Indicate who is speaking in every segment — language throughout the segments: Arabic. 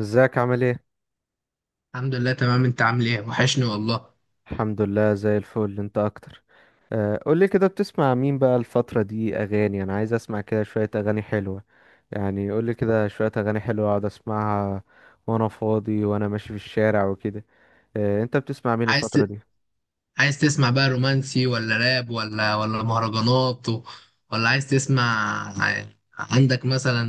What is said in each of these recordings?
Speaker 1: ازيك عامل ايه؟
Speaker 2: الحمد لله، تمام. انت عامل ايه؟ وحشني والله.
Speaker 1: الحمد لله زي الفل، انت اكتر. قولي كده، بتسمع مين بقى الفترة دي اغاني؟ انا عايز اسمع كده شوية اغاني حلوة، يعني قولي كده شوية اغاني حلوة اقعد اسمعها وانا فاضي وانا ماشي في الشارع وكده. انت بتسمع مين
Speaker 2: عايز
Speaker 1: الفترة
Speaker 2: ت...
Speaker 1: دي؟
Speaker 2: عايز تسمع بقى رومانسي ولا راب ولا مهرجانات ولا عايز تسمع؟ عندك مثلا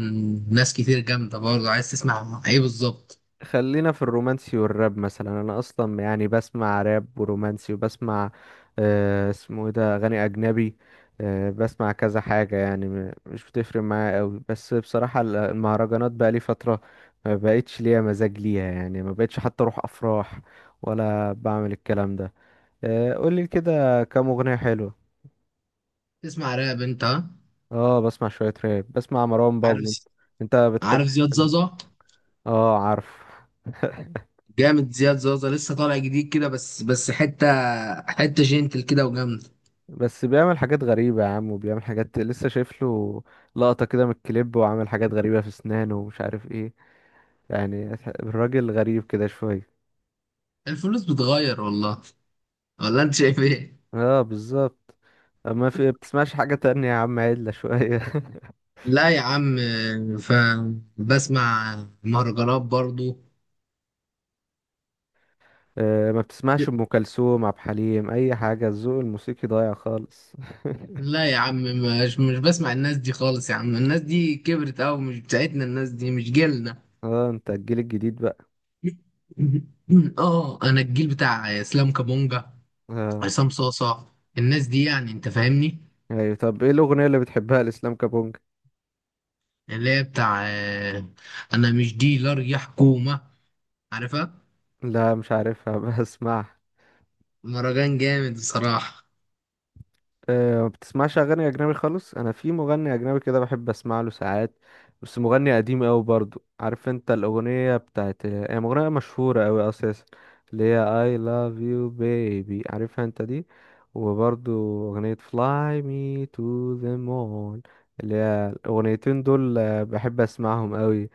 Speaker 2: ناس كتير جامدة برضه، عايز تسمع ايه بالظبط؟
Speaker 1: خلينا في الرومانسي والراب مثلا. انا اصلا يعني بسمع راب ورومانسي، وبسمع آه اسمه ايه ده، اغاني اجنبي. آه بسمع كذا حاجه يعني، مش بتفرق معايا قوي، بس بصراحه المهرجانات بقى لي فتره ما بقتش ليا مزاج ليها، يعني ما بقتش حتى اروح افراح ولا بعمل الكلام ده. آه قولي كده كام اغنيه حلوه.
Speaker 2: تسمع راب انت، ها؟
Speaker 1: اه بسمع شويه راب، بسمع مروان بابلو.
Speaker 2: عارف
Speaker 1: انت
Speaker 2: عارف
Speaker 1: بتحب؟
Speaker 2: زياد زازا.
Speaker 1: اه عارف.
Speaker 2: جامد زياد زازا، لسه طالع جديد كده. بس حتة جنتل كده وجامدة.
Speaker 1: بس بيعمل حاجات غريبة يا عم، وبيعمل حاجات لسه شايف له لقطة كده من الكليب، وعامل حاجات غريبة في اسنانه ومش عارف ايه يعني. الراجل غريب كده شوية.
Speaker 2: الفلوس بتغير والله، ولا انت شايف ايه؟
Speaker 1: اه بالظبط. ما في بتسمعش حاجة تانية يا عم، عدلة شوية.
Speaker 2: لا يا عم. ف بسمع مهرجانات برضو.
Speaker 1: ما بتسمعش أم كلثوم، عبد الحليم، أي حاجة؟ الذوق الموسيقي ضايع خالص.
Speaker 2: لا يا عم، مش بسمع الناس دي خالص يا عم. الناس دي كبرت أوي، مش بتاعتنا، الناس دي مش جيلنا.
Speaker 1: اه انت الجيل الجديد بقى.
Speaker 2: اه، انا الجيل بتاع اسلام كابونجا،
Speaker 1: اه
Speaker 2: عصام صاصة، الناس دي، يعني انت فاهمني.
Speaker 1: أيوة، طب ايه الأغنية اللي بتحبها لإسلام كابونج؟
Speaker 2: اللي هي بتاع انا مش ديلر يا حكومة، عارفها؟
Speaker 1: لا مش عارفها. بسمعها.
Speaker 2: مهرجان جامد بصراحة.
Speaker 1: أه ما بتسمعش اغاني اجنبي خالص. انا في مغني اجنبي كده بحب اسمع له ساعات، بس مغني قديم قوي برضو. عارف انت الاغنيه بتاعت، هي مغنيه مشهوره قوي اساسا، اللي هي I love you baby، عارفها انت دي؟ وبرضو اغنيه fly me to the moon، اللي هي الاغنيتين دول بحب اسمعهم قوي.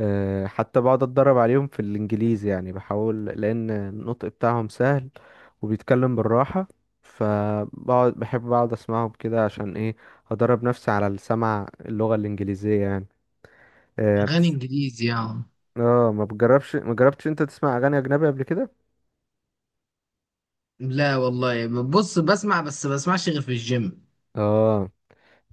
Speaker 1: أه حتى بقعد اتدرب عليهم في الانجليزي، يعني بحاول، لان النطق بتاعهم سهل وبيتكلم بالراحه. فبقعد بحب اقعد اسمعهم كده عشان ايه؟ هدرب نفسي على السمع، اللغة الإنجليزية يعني. آه
Speaker 2: اغاني
Speaker 1: بتس...
Speaker 2: انجليزي يعني؟
Speaker 1: اه، ما بتجربش، ما جربتش انت تسمع اغاني اجنبي قبل كده؟
Speaker 2: لا والله، بص، بسمع بس بسمعش غير في الجيم.
Speaker 1: اه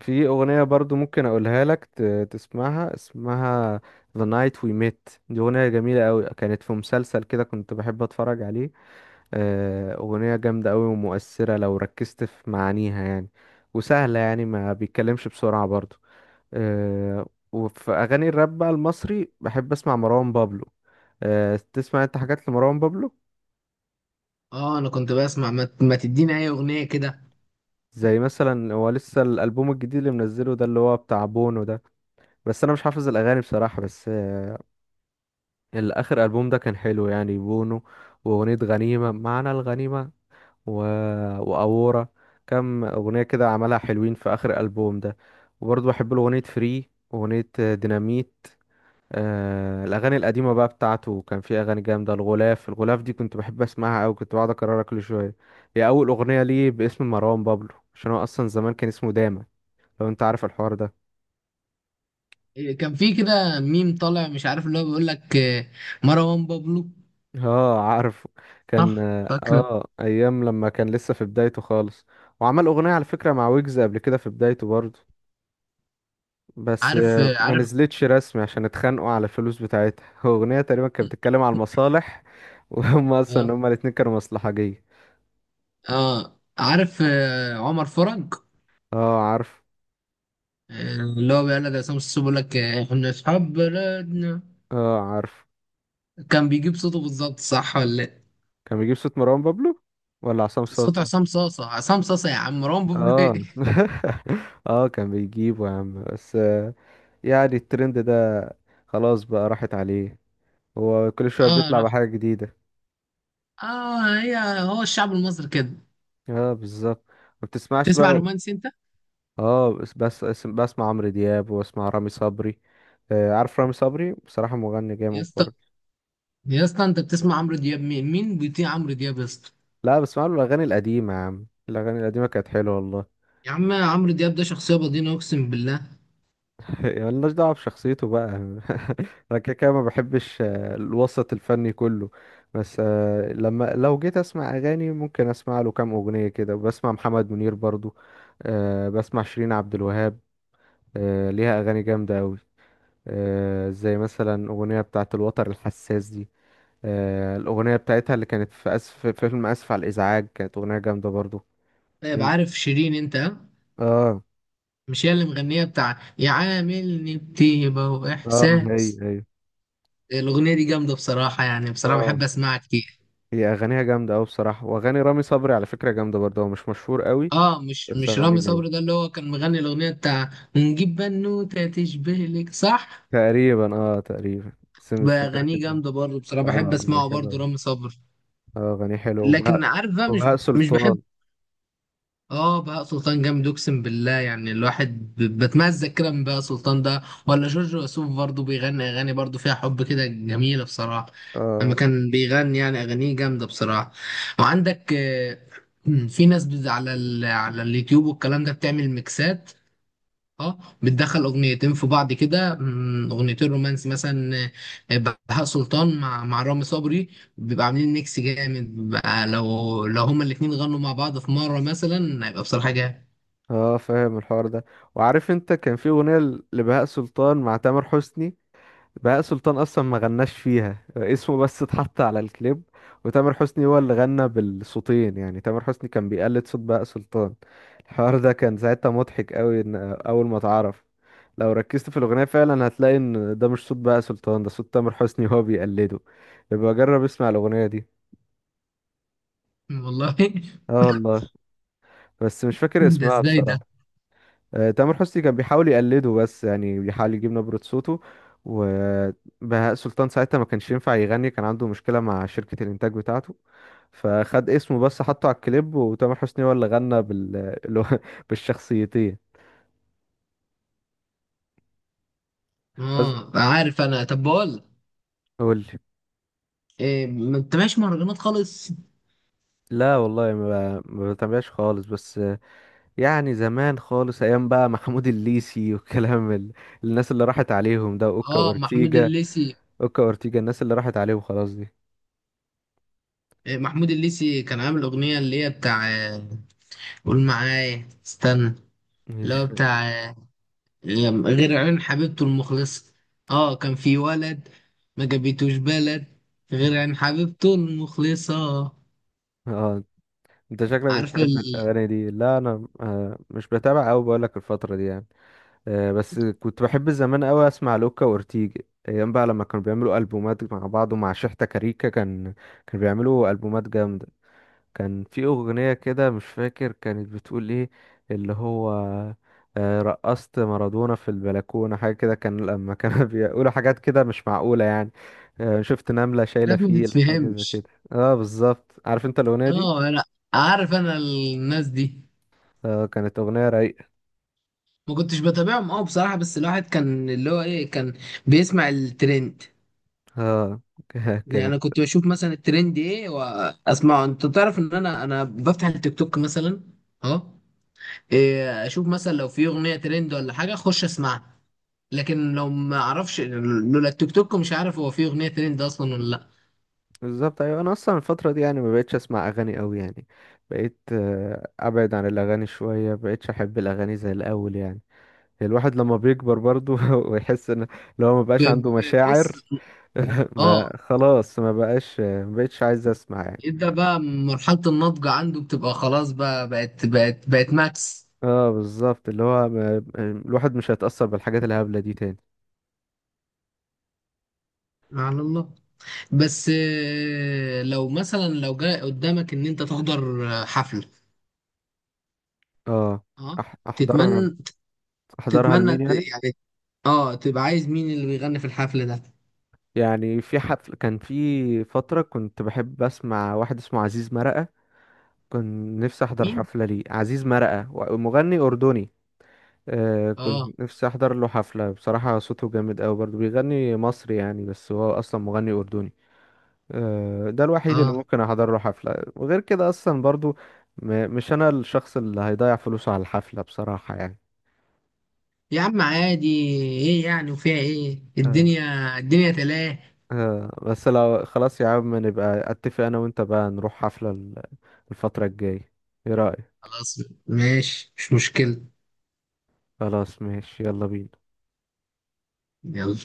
Speaker 1: في اغنية برضو ممكن اقولها لك تسمعها، اسمها The Night We Met. دي اغنية جميلة قوي، كانت في مسلسل كده كنت بحب اتفرج عليه. آه اغنية جامدة قوي ومؤثرة لو ركزت في معانيها يعني. وسهلة يعني، ما بيتكلمش بسرعة برضو. آه، وفي اغاني الراب بقى المصري، بحب اسمع مروان بابلو. تسمع انت حاجات لمروان بابلو؟
Speaker 2: اه، انا كنت بسمع، ما تديني اي اغنية كده.
Speaker 1: زي مثلا هو لسه الالبوم الجديد اللي منزله ده، اللي هو بتاع بونو ده، بس انا مش حافظ الاغاني بصراحه. بس آه، الاخر البوم ده كان حلو يعني، بونو. واغنيه غنيمه، معنى الغنيمه، و... واورا. كم اغنيه كده عملها حلوين في اخر الالبوم ده. وبرضه بحب له اغنيه فري، واغنيه ديناميت. آه الأغاني القديمة بقى بتاعته كان في أغاني جامدة. الغلاف دي كنت بحب أسمعها أوي، كنت بقعد أكررها كل شوية، هي أول أغنية ليه باسم مروان بابلو، عشان هو أصلا زمان كان اسمه داما، لو أنت عارف الحوار ده.
Speaker 2: كان في كده ميم طالع مش عارف، اللي هو بيقول لك مروان بابلو.
Speaker 1: اه عارف. كان
Speaker 2: صح، فاكر.
Speaker 1: اه أيام لما كان لسه في بدايته خالص، وعمل أغنية على فكرة مع ويجز قبل كده في بدايته برضه، بس آه، ما
Speaker 2: عارف.
Speaker 1: نزلتش رسمي عشان اتخانقوا على الفلوس بتاعتها. أغنية تقريبا كانت بتتكلم على المصالح، وهم أصلا
Speaker 2: اه،
Speaker 1: الاتنين كانوا مصلحجية.
Speaker 2: اه، عارف، عمر فرج.
Speaker 1: اه عارف.
Speaker 2: اللي هو بيقول لك عصام السوسو بيقول لك احنا اصحاب بلدنا.
Speaker 1: اه عارف.
Speaker 2: كان بيجيب صوته بالظبط، صح ولا لا؟
Speaker 1: كان بيجيب صوت مروان بابلو ولا عصام
Speaker 2: صوت
Speaker 1: صاصا؟
Speaker 2: عصام صاصة. عصام صاصة يا عم، مروان بابلو
Speaker 1: اه.
Speaker 2: ايه!
Speaker 1: اه كان بيجيبه يا عم، بس آه، يعني الترند ده خلاص بقى راحت عليه. هو كل شوية
Speaker 2: اه،
Speaker 1: بيطلع
Speaker 2: راح.
Speaker 1: بحاجة جديدة.
Speaker 2: اه، هو الشعب المصري كده.
Speaker 1: اه بالظبط. ما بتسمعش
Speaker 2: تسمع
Speaker 1: بقى.
Speaker 2: رومانسي انت؟
Speaker 1: اه بسمع عمرو دياب واسمع رامي صبري. آه عارف رامي صبري، بصراحة مغني
Speaker 2: يا
Speaker 1: جامد
Speaker 2: اسطى،
Speaker 1: برضه.
Speaker 2: يا اسطى، انت بتسمع عمرو دياب؟ مين بيطيع عمرو دياب يا اسطى؟
Speaker 1: لا بسمع له الأغاني القديمة يا عم، الأغاني القديمة كانت حلوة والله.
Speaker 2: يا عم، عمرو دياب ده شخصية بدينة، أقسم بالله.
Speaker 1: ملناش دعوة بشخصيته بقى. أنا كده كده ما بحبش الوسط الفني كله. بس آه، لما لو جيت أسمع أغاني ممكن أسمع له كام أغنية كده. بسمع محمد منير برضو. بسمع شيرين عبد الوهاب. ليها أغاني جامدة أوي. زي مثلا أغنية بتاعة الوتر الحساس دي. الأغنية بتاعتها اللي كانت في أسف، في فيلم أسف على الإزعاج، كانت أغنية جامدة برضو.
Speaker 2: طيب،
Speaker 1: إن-
Speaker 2: عارف شيرين أنت، ها؟
Speaker 1: اه.
Speaker 2: مش هي اللي مغنية بتاع يعاملني بطيبة
Speaker 1: اه هي
Speaker 2: وإحساس؟
Speaker 1: هي.
Speaker 2: الأغنية دي جامدة بصراحة، يعني بصراحة
Speaker 1: اه
Speaker 2: بحب أسمعها كتير.
Speaker 1: هي اغانيها جامده قوي بصراحه، واغاني رامي صبري على فكره جامده برضه، هو مش مشهور قوي
Speaker 2: آه، مش
Speaker 1: بس
Speaker 2: مش
Speaker 1: اغانيه
Speaker 2: رامي
Speaker 1: جامده.
Speaker 2: صبري ده اللي هو كان مغني الأغنية بتاع ونجيب بنوتة تشبه لك، صح؟
Speaker 1: تقريبا اه، تقريبا بس مش
Speaker 2: بأغانيه
Speaker 1: متاكد. اه
Speaker 2: جامدة برضه بصراحة، بحب
Speaker 1: اغانيه
Speaker 2: أسمعه
Speaker 1: حلوه
Speaker 2: برضه
Speaker 1: أوي.
Speaker 2: رامي صبري.
Speaker 1: اه اغانيه حلوه. وبهاء،
Speaker 2: لكن عارف بقى، مش،
Speaker 1: وبهاء
Speaker 2: مش بحب.
Speaker 1: سلطان.
Speaker 2: اه، بهاء سلطان جامد، اقسم بالله. يعني الواحد بتمزق كده من بهاء سلطان ده، ولا جورج وسوف برضه بيغني اغاني برضه فيها حب كده جميله بصراحه. لما
Speaker 1: اه.
Speaker 2: كان بيغني يعني، اغانيه جامده بصراحه. وعندك في ناس على على اليوتيوب والكلام ده بتعمل ميكسات. اه، بتدخل اغنيتين في بعض كده، اغنيتين رومانسي مثلا. آه، بهاء سلطان مع رامي صبري، بيبقى عاملين ميكس جامد بقى. لو هما الاتنين غنوا مع بعض في مره مثلا، هيبقى بصراحه جامد.
Speaker 1: اه فاهم الحوار ده؟ وعارف انت كان في اغنيه لبهاء سلطان مع تامر حسني؟ بهاء سلطان اصلا ما غناش فيها، اسمه بس اتحط على الكليب، وتامر حسني هو اللي غنى بالصوتين، يعني تامر حسني كان بيقلد صوت بهاء سلطان. الحوار ده كان ساعتها مضحك قوي ان اول ما اتعرف. لو ركزت في الاغنيه فعلا هتلاقي ان ده مش صوت بهاء سلطان، ده صوت تامر حسني هو بيقلده. يبقى جرب اسمع الاغنيه دي.
Speaker 2: والله!
Speaker 1: اه والله، بس مش فاكر
Speaker 2: ده
Speaker 1: اسمها
Speaker 2: ازاي ده؟
Speaker 1: بصراحه. تامر حسني كان بيحاول يقلده، بس يعني بيحاول يجيب نبرة صوته. وبهاء سلطان ساعتها ما كانش ينفع يغني، كان عنده مشكلة مع شركة الإنتاج بتاعته، فخد اسمه بس حطه على الكليب، وتامر حسني هو اللي غنى اللي هو بالشخصيتين. بس
Speaker 2: اه، عارف انا، طب بقول لك،
Speaker 1: قول لي.
Speaker 2: ما انتبهش مهرجانات خالص.
Speaker 1: لا والله، ما بتابعش خالص، بس آه، يعني زمان خالص أيام بقى. محمود الليثي الناس اللي راحت عليهم ده، أوكا
Speaker 2: اه، محمود
Speaker 1: وأورتيجا.
Speaker 2: الليثي.
Speaker 1: أوكا وأورتيجا، الناس اللي راحت عليهم خلاص دي.
Speaker 2: محمود الليثي كان عامل اغنيه اللي هي بتاع، قول معايا، استنى، اللي
Speaker 1: مش
Speaker 2: هو
Speaker 1: ف...
Speaker 2: بتاع غير عيون حبيبته المخلصة. اه، كان في ولد، ما جابتوش بلد، غير عن حبيبته المخلصة.
Speaker 1: اه انت شكلك
Speaker 2: عارفة
Speaker 1: بتحب الاغاني دي. لا انا مش بتابع قوي، بقول لك الفتره دي يعني. بس كنت بحب زمان قوي اسمع لوكا وأورتيج، ايام بقى لما كانوا بيعملوا البومات مع بعض، ومع شحتة كاريكا، كانوا بيعملوا البومات جامده. كان في اغنيه كده مش فاكر كانت بتقول ايه، اللي هو رقصت مارادونا في البلكونه، حاجه كده. كان لما كانوا بيقولوا حاجات كده مش معقوله يعني، شفت نمله شايله
Speaker 2: حاجات ما
Speaker 1: فيل، حاجه زي
Speaker 2: تتفهمش.
Speaker 1: كده. اه بالظبط، عارف انت الاغنيه دي؟
Speaker 2: اه، انا عارف انا الناس دي.
Speaker 1: كانت اغنيه رايقه.
Speaker 2: ما كنتش بتابعهم، اه، بصراحة، بس الواحد كان، اللي هو ايه، كان بيسمع الترند.
Speaker 1: اه
Speaker 2: يعني
Speaker 1: كانت
Speaker 2: انا كنت بشوف مثلا الترند ايه واسمعه. انت تعرف ان انا بفتح التيك توك مثلا. اه. إيه، اشوف مثلا لو في اغنية ترند ولا حاجة اخش اسمعها. لكن لو ما اعرفش لولا التيك توك، مش عارف هو فيه اغنيه ترند اصلا ولا لا.
Speaker 1: بالظبط. ايوه انا اصلا الفتره دي يعني ما بقتش اسمع اغاني قوي يعني، بقيت ابعد عن الاغاني شويه، ما بقتش احب الاغاني زي الاول يعني. الواحد لما بيكبر برضو ويحس ان، لو ما بقاش عنده
Speaker 2: بص.
Speaker 1: مشاعر،
Speaker 2: اه،
Speaker 1: ما خلاص، ما بقاش، ما بقتش عايز اسمع يعني.
Speaker 2: ابدا، بقى مرحله النضج عنده بتبقى خلاص، بقى بقت ماكس.
Speaker 1: اه بالظبط، اللي هو ما... الواحد مش هيتاثر بالحاجات الهبله دي تاني.
Speaker 2: على الله. بس لو مثلا لو جاء قدامك ان انت تحضر حفله.
Speaker 1: اه
Speaker 2: اه.
Speaker 1: احضرها.
Speaker 2: تتمنى
Speaker 1: احضرها
Speaker 2: تتمنى
Speaker 1: لمين يعني؟
Speaker 2: يعني، اه، تبقى عايز مين اللي بيغني في الحفله ده؟
Speaker 1: يعني في حفل كان في فترة كنت بحب أسمع واحد اسمه عزيز مرقة، كنت نفسي أحضر
Speaker 2: مين؟
Speaker 1: حفلة ليه، عزيز مرقة، مغني أردني. آه
Speaker 2: اه،
Speaker 1: كنت نفسي أحضر له حفلة بصراحة، صوته جامد أوي برضه، بيغني مصري يعني بس هو أصلا مغني أردني. آه ده الوحيد اللي
Speaker 2: اه،
Speaker 1: ممكن أحضر له حفلة، وغير كده أصلا برضه مش أنا الشخص اللي هيضيع فلوسه على الحفلة بصراحة يعني.
Speaker 2: يا عم عادي، ايه يعني وفيها ايه،
Speaker 1: آه.
Speaker 2: الدنيا، الدنيا تلاه.
Speaker 1: آه بس لو خلاص يا عم نبقى أتفق أنا وأنت بقى نروح حفلة الفترة الجاية، ايه رأيك؟
Speaker 2: خلاص، ماشي، مش مشكلة.
Speaker 1: خلاص ماشي، يلا بينا.
Speaker 2: يلا.